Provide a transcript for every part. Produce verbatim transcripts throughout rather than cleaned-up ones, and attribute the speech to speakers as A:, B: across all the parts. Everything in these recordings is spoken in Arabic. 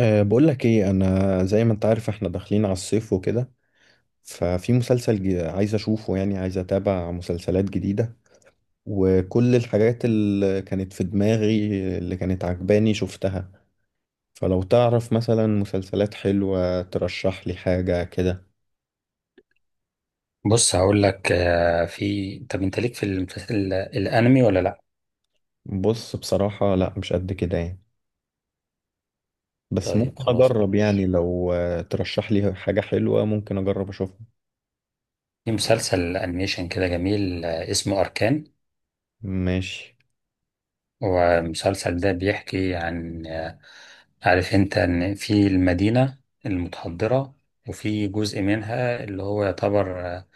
A: أه بقول لك ايه، انا زي ما انت عارف احنا داخلين على الصيف وكده. ففي مسلسل جي- عايز اشوفه، يعني عايز اتابع مسلسلات جديدة وكل الحاجات اللي كانت في دماغي اللي كانت عجباني شفتها. فلو تعرف مثلا مسلسلات حلوة ترشح لي حاجة كده.
B: بص، هقول لك، آه، في طب انت ليك في المسلسل ال- الانمي ولا لا؟
A: بص بصراحة لا، مش قد كده يعني، بس
B: طيب،
A: ممكن
B: خلاص
A: اجرب يعني.
B: بلاش.
A: لو آه، ترشح لي حاجة حلوة ممكن اجرب اشوفها.
B: في مسلسل انيميشن كده جميل، آه، اسمه اركان.
A: ماشي.
B: والمسلسل ده بيحكي عن، آه، عارف انت ان في المدينة المتحضرة، وفي جزء منها اللي هو يعتبر آه،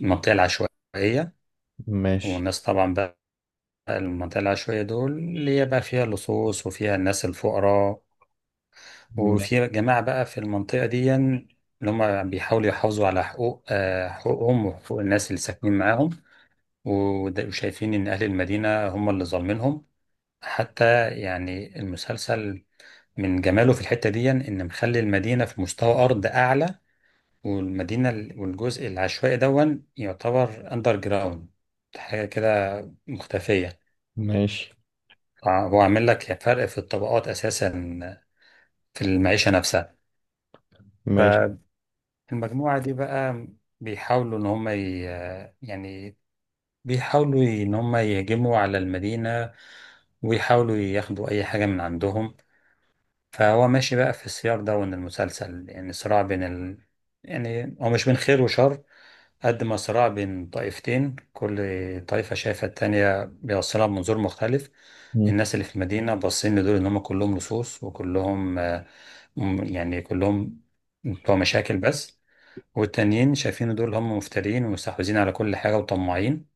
B: المنطقة العشوائية.
A: ماشي.
B: والناس طبعا بقى، المنطقة العشوائية دول اللي هي بقى فيها اللصوص وفيها الناس الفقراء.
A: ماشي.
B: وفي جماعة بقى في المنطقة دي اللي هم بيحاولوا يحافظوا على حقوق آه، حقوقهم وحقوق الناس اللي ساكنين معاهم. وده- وشايفين إن أهل المدينة هم اللي ظالمينهم. حتى يعني المسلسل من جماله في الحتة دي إن مخلي المدينة في مستوى أرض أعلى، والمدينة ال- والجزء العشوائي دون يعتبر أندر جراوند، حاجة كده مختفية.
A: ماشي.
B: هو عامل لك فرق في الطبقات أساسا، في المعيشة نفسها.
A: ماشي.
B: المجموعة دي بقى بيحاولوا إن هم ي... يعني بيحاولوا إن هم يهجموا على المدينة ويحاولوا ياخدوا أي حاجة من عندهم. فهو ماشي بقى في السياق ده، وإن المسلسل يعني صراع بين ال... يعني هو مش بين خير وشر، قد ما صراع بين طائفتين، كل طائفة شايفة التانية بيوصلها بمنظور مختلف. الناس اللي في المدينة باصين لدول إن هم كلهم لصوص وكلهم آه، م- يعني كلهم بتوع مشاكل بس. والتانيين شايفين دول هم مفترين ومستحوذين على كل حاجة وطماعين.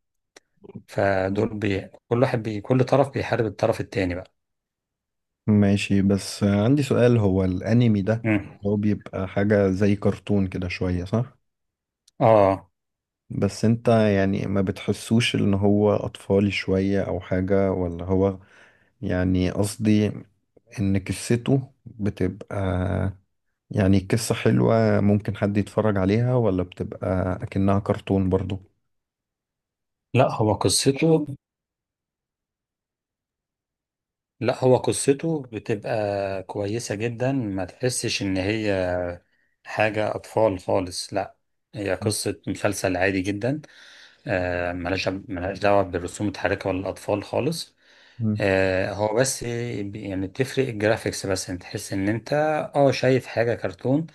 B: فدول بي... كل واحد بي... كل طرف بيحارب الطرف التاني بقى.
A: ماشي. بس عندي سؤال، هو الانمي ده
B: مم.
A: هو بيبقى حاجة زي كرتون كده شوية صح؟
B: اه.
A: بس انت يعني ما بتحسوش ان هو اطفالي شوية او حاجة، ولا هو يعني قصدي ان قصته بتبقى يعني قصة حلوة ممكن حد يتفرج عليها، ولا بتبقى اكنها كرتون برضو؟
B: لا هو قصته لا هو قصته بتبقى كويسة جدا، ما تحسش ان هي حاجة اطفال خالص، لا. هي قصة مسلسل عادي جدا. آه ملهاش ملهاش دعوة بالرسوم المتحركة ولا الأطفال خالص.
A: مم.
B: آه، هو بس يعني بتفرق الجرافيكس، بس انت تحس ان انت اه شايف حاجة كرتون.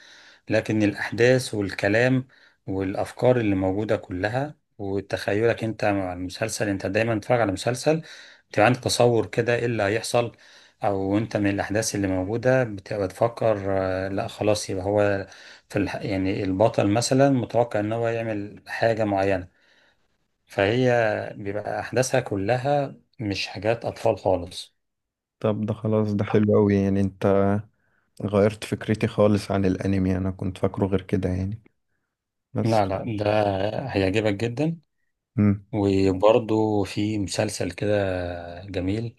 B: لكن الأحداث والكلام والأفكار اللي موجودة كلها وتخيلك انت مع المسلسل، انت دايما بتتفرج على مسلسل، بتبقى عندك تصور كده ايه اللي هيحصل. او انت من الأحداث اللي موجودة بتبقى تفكر، آه، لا خلاص يبقى هو في الح... يعني البطل مثلا متوقع ان هو يعمل حاجة معينة. فهي بيبقى أحداثها كلها مش حاجات أطفال خالص.
A: طب ده خلاص، ده حلو قوي يعني. انت غيرت فكرتي خالص عن الانمي، انا كنت فاكره غير كده يعني بس.
B: لا، لا، ده هيعجبك جدا.
A: مم.
B: وبرضه في مسلسل كده جميل،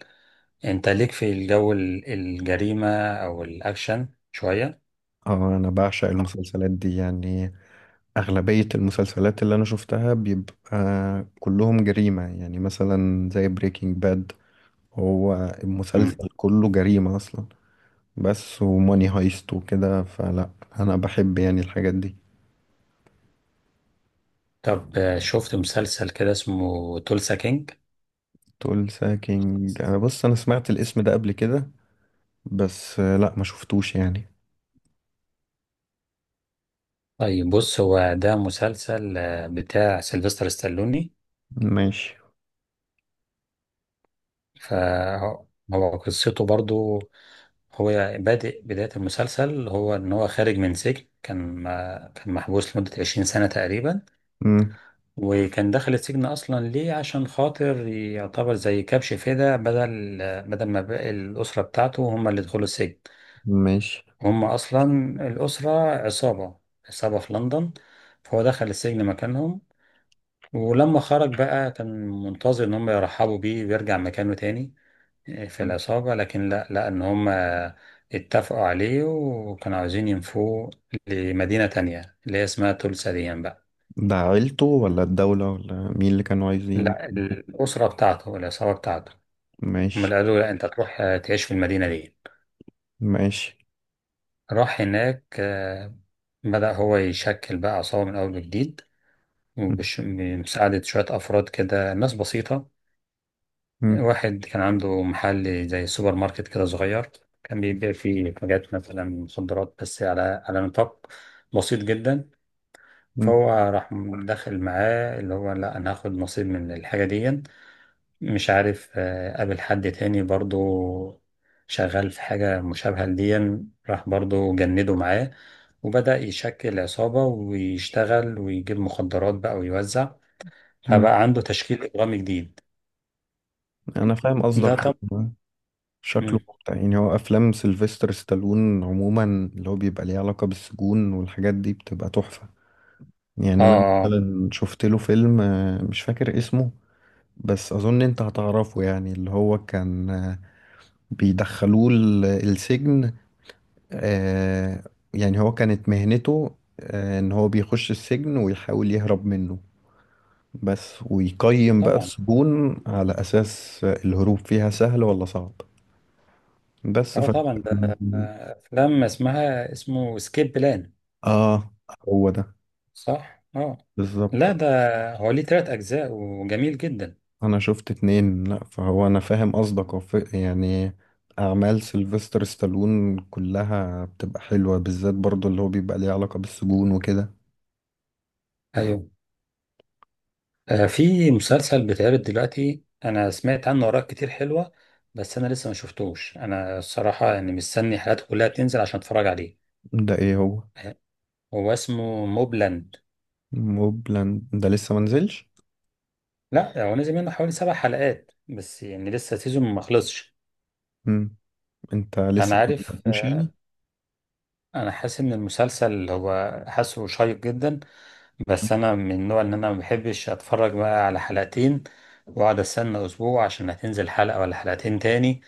B: انت ليك في الجو ال- الجريمة او الاكشن شوية؟
A: اه انا بعشق المسلسلات دي يعني. اغلبية المسلسلات اللي انا شفتها بيبقى كلهم جريمة، يعني مثلا زي بريكنج باد، هو
B: مم.
A: المسلسل كله جريمة اصلا. بس وماني هايست وكده، فلا انا بحب يعني الحاجات دي.
B: طب، آه، شفت مسلسل كده اسمه تولسا كينج؟
A: تقول ساكينج؟ انا بص انا سمعت الاسم ده قبل كده، بس آه، لا ما شفتوش يعني.
B: طيب، بص، هو ده مسلسل آه، بتاع سيلفستر ستالوني.
A: ماشي.
B: فهو قصته برضه، هو بادئ بداية المسلسل هو ان هو خارج من سجن، كان كان محبوس لمدة 20 سنة تقريبا.
A: مم.
B: وكان دخل السجن اصلا ليه عشان خاطر يعتبر زي كبش فداء، بدل بدل ما بقى الاسره بتاعته هم اللي دخلوا السجن.
A: ماشي.
B: هم اصلا الاسره عصابه، عصابه في لندن. فهو دخل السجن مكانهم. ولما خرج بقى كان منتظر ان هم يرحبوا بيه ويرجع مكانه تاني آه، في العصابه، لكن لا، لا، ان هم اتفقوا عليه وكانوا عاوزين ينفوه لمدينه تانية اللي هي اسمها تولسا دي بقى.
A: ده عيلته ولا الدولة ولا مين اللي كانوا عايزين؟
B: لا، الاسره بتاعته، العصابه بتاعته. هم
A: ماشي.
B: قالوا لا، انت تروح آه، تعيش في المدينة دي.
A: ماشي.
B: راح هناك، آه، بدأ هو يشكل بقى عصابة من أول وجديد. وبش- بمساعدة شوية أفراد كده، ناس بسيطة. واحد كان عنده محل زي سوبر ماركت كده صغير. كان بيبيع فيه حاجات مثلا مخدرات، بس على على نطاق بسيط جدا.
A: مم.
B: فهو راح داخل معاه اللي هو، لا، أنا هاخد نصيب من الحاجة دي. مش عارف، آه، قابل حد تاني برضو شغال في حاجة مشابهة لدي. راح برضو جنده معاه. وبدأ يشكل عصابة ويشتغل ويجيب مخدرات بقى ويوزع.
A: مم.
B: فبقى عنده تشكيل إجرامي جديد.
A: انا فاهم قصدك.
B: ده طب.
A: هو شكله
B: مم.
A: ممتع يعني. هو افلام سيلفستر ستالون عموما اللي هو بيبقى ليه علاقة بالسجون والحاجات دي بتبقى تحفة.
B: آه،
A: يعني انا
B: آه.
A: مثلا شفت له فيلم آه، مش فاكر اسمه، بس اظن انت هتعرفه يعني. اللي هو كان آه، بيدخلوه ال- السجن، آه، يعني هو كانت مهنته آه، ان هو بيخش السجن ويحاول يهرب منه بس، ويقيم بقى
B: طبعا.
A: السجون على أساس الهروب فيها سهل ولا صعب. بس
B: آه،
A: ف
B: طبعا، ده آه، أفلام اسمها اسمه سكيب بلان،
A: اه هو ده
B: صح؟ آه.
A: بالظبط.
B: لا، ده هو ليه تلات أجزاء وجميل جدا.
A: انا شفت اتنين. لا فهو انا فاهم قصدك. هو ف- يعني اعمال سيلفستر ستالون كلها بتبقى حلوة، بالذات برضو اللي هو بيبقى ليه علاقة بالسجون وكده.
B: أيوه. آه، في مسلسل بيتعرض دلوقتي، انا سمعت عنه اراء كتير حلوه. بس انا لسه ما شفتوش، انا الصراحه يعني مستني حلقاته كلها تنزل عشان اتفرج عليه.
A: ده ايه هو؟
B: آه، هو اسمه موبلاند.
A: موبلاند ده لسه منزلش؟
B: لا، هو نزل منه حوالي سبع حلقات بس، يعني لسه سيزون ما خلصش.
A: مم. انت
B: انا
A: لسه ما
B: عارف،
A: بدأتوش
B: آه،
A: يعني؟
B: انا حاسس ان المسلسل هو حاسه شيق جدا. بس انا من النوع ان انا ما بحبش اتفرج بقى على حلقتين، واقعد استنى اسبوع عشان هتنزل حلقه ولا حلقتين تاني.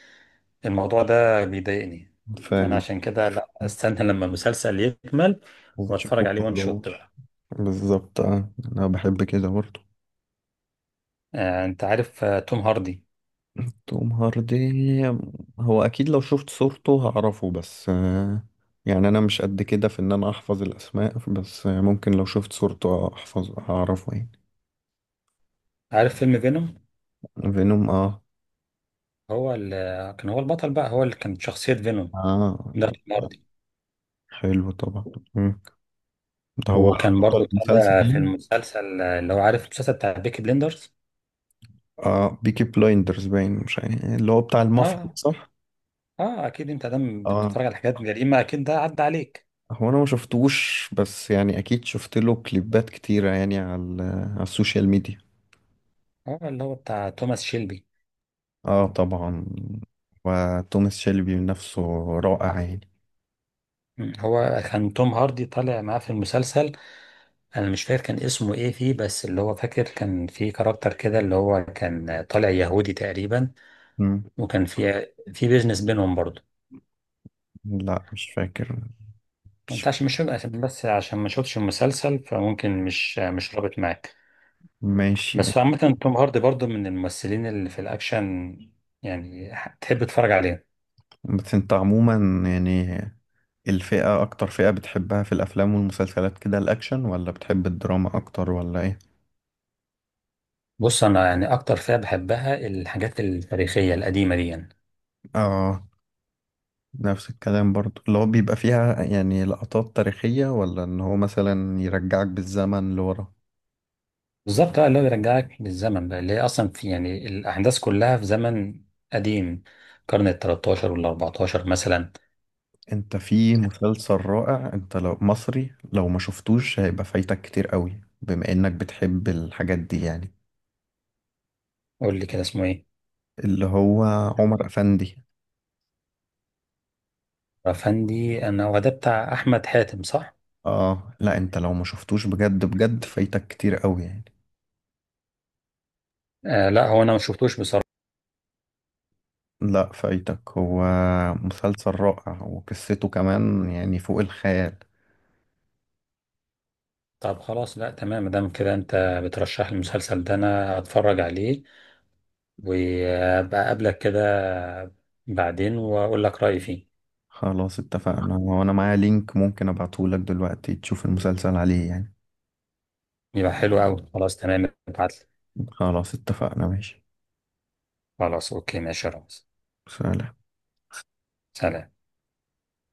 B: الموضوع ده بيضايقني. فانا
A: فاهم.
B: عشان كده، لا، استنى لما المسلسل يكمل واتفرج
A: وتشوفه
B: عليه وان
A: كله.
B: شوت بقى.
A: بالظبط اه. انا بحب كده برضه.
B: آه انت عارف آه توم هاردي؟
A: توم هاردي، هو اكيد لو شفت صورته هعرفه، بس آه، يعني انا مش قد كده في ان انا احفظ الاسماء، بس آه، ممكن لو شفت صورته احفظ هعرفه يعني.
B: عارف فيلم فينوم؟
A: فينوم اه.
B: هو اللي كان هو البطل بقى، هو اللي كانت شخصية فينوم.
A: اه،
B: ده توم هاردي.
A: حلو طبعا. مم. ده هو
B: وكان برضو
A: بطل المسلسل
B: طالع
A: ده؟
B: في المسلسل، آه، اللي هو، عارف المسلسل بتاع بيكي بليندرز؟
A: اه، بيكي بلايندرز، باين مش عارف اللي هو بتاع المافيا
B: اه.
A: صح؟
B: اه، اكيد انت دام
A: اه،
B: بتتفرج على حاجات جريمة اكيد ده عدى عليك.
A: هو انا ما شفتوش بس يعني اكيد شفت له كليبات كتيرة يعني على على السوشيال ميديا.
B: اه، اللي هو بتاع توماس شيلبي.
A: اه طبعا. وتوماس شيلبي نفسه رائع يعني.
B: مم، هو كان توم هاردي طالع معاه في المسلسل. انا مش فاكر كان اسمه ايه فيه، بس اللي هو فاكر كان في كاركتر كده اللي هو كان طالع يهودي تقريبا.
A: مم.
B: وكان في في بيزنس بينهم برضه.
A: لا مش فاكر.
B: ما
A: مش
B: ينفعش،
A: فاكر.
B: مش عشان، بس عشان ما شفتش المسلسل، فممكن مش مش رابط معاك.
A: ماشي.
B: بس عامة، توم هاردي برضه من الممثلين اللي في الاكشن، يعني ح- تحب تتفرج عليه.
A: بس انت عموما يعني الفئة، أكتر فئة بتحبها في الأفلام والمسلسلات كده، الأكشن ولا بتحب الدراما أكتر ولا إيه؟
B: بص، انا يعني اكتر فئة بحبها الحاجات التاريخية القديمة دي يعني.
A: آه. نفس الكلام، برضو اللي هو بيبقى فيها يعني لقطات تاريخية، ولا إن هو مثلا يرجعك بالزمن لورا.
B: بالظبط، اه، اللي هو بيرجعك للزمن بقى، اللي هي اصلا في يعني الاحداث كلها في زمن قديم، القرن ال الثالث عشر وال أربعتاشر مثلا.
A: انت في مسلسل رائع، انت لو مصري لو ما شفتوش هيبقى فايتك كتير قوي، بما انك بتحب الحاجات دي يعني.
B: قول لي كده اسمه ايه؟
A: اللي هو عمر افندي.
B: رفندي، انا هو ده بتاع احمد حاتم، صح؟
A: اه لا، انت لو ما شفتوش بجد بجد فايتك كتير قوي يعني.
B: آه لا، هو انا ما شفتوش بصراحه.
A: لا فايتك. هو مسلسل رائع، وقصته كمان يعني فوق الخيال.
B: طب، خلاص، لا، تمام، دام كده انت بترشح لي المسلسل ده انا هتفرج عليه، وابقى اقابلك كده بعدين واقول لك رايي فيه.
A: خلاص اتفقنا. وانا معايا لينك ممكن ابعتهولك دلوقتي تشوف المسلسل عليه يعني.
B: يبقى حلو قوي، خلاص، تمام، ابعت لي.
A: خلاص اتفقنا ماشي.
B: خلاص، اوكي، ماشي يا رامز.
A: سلام.
B: سلام.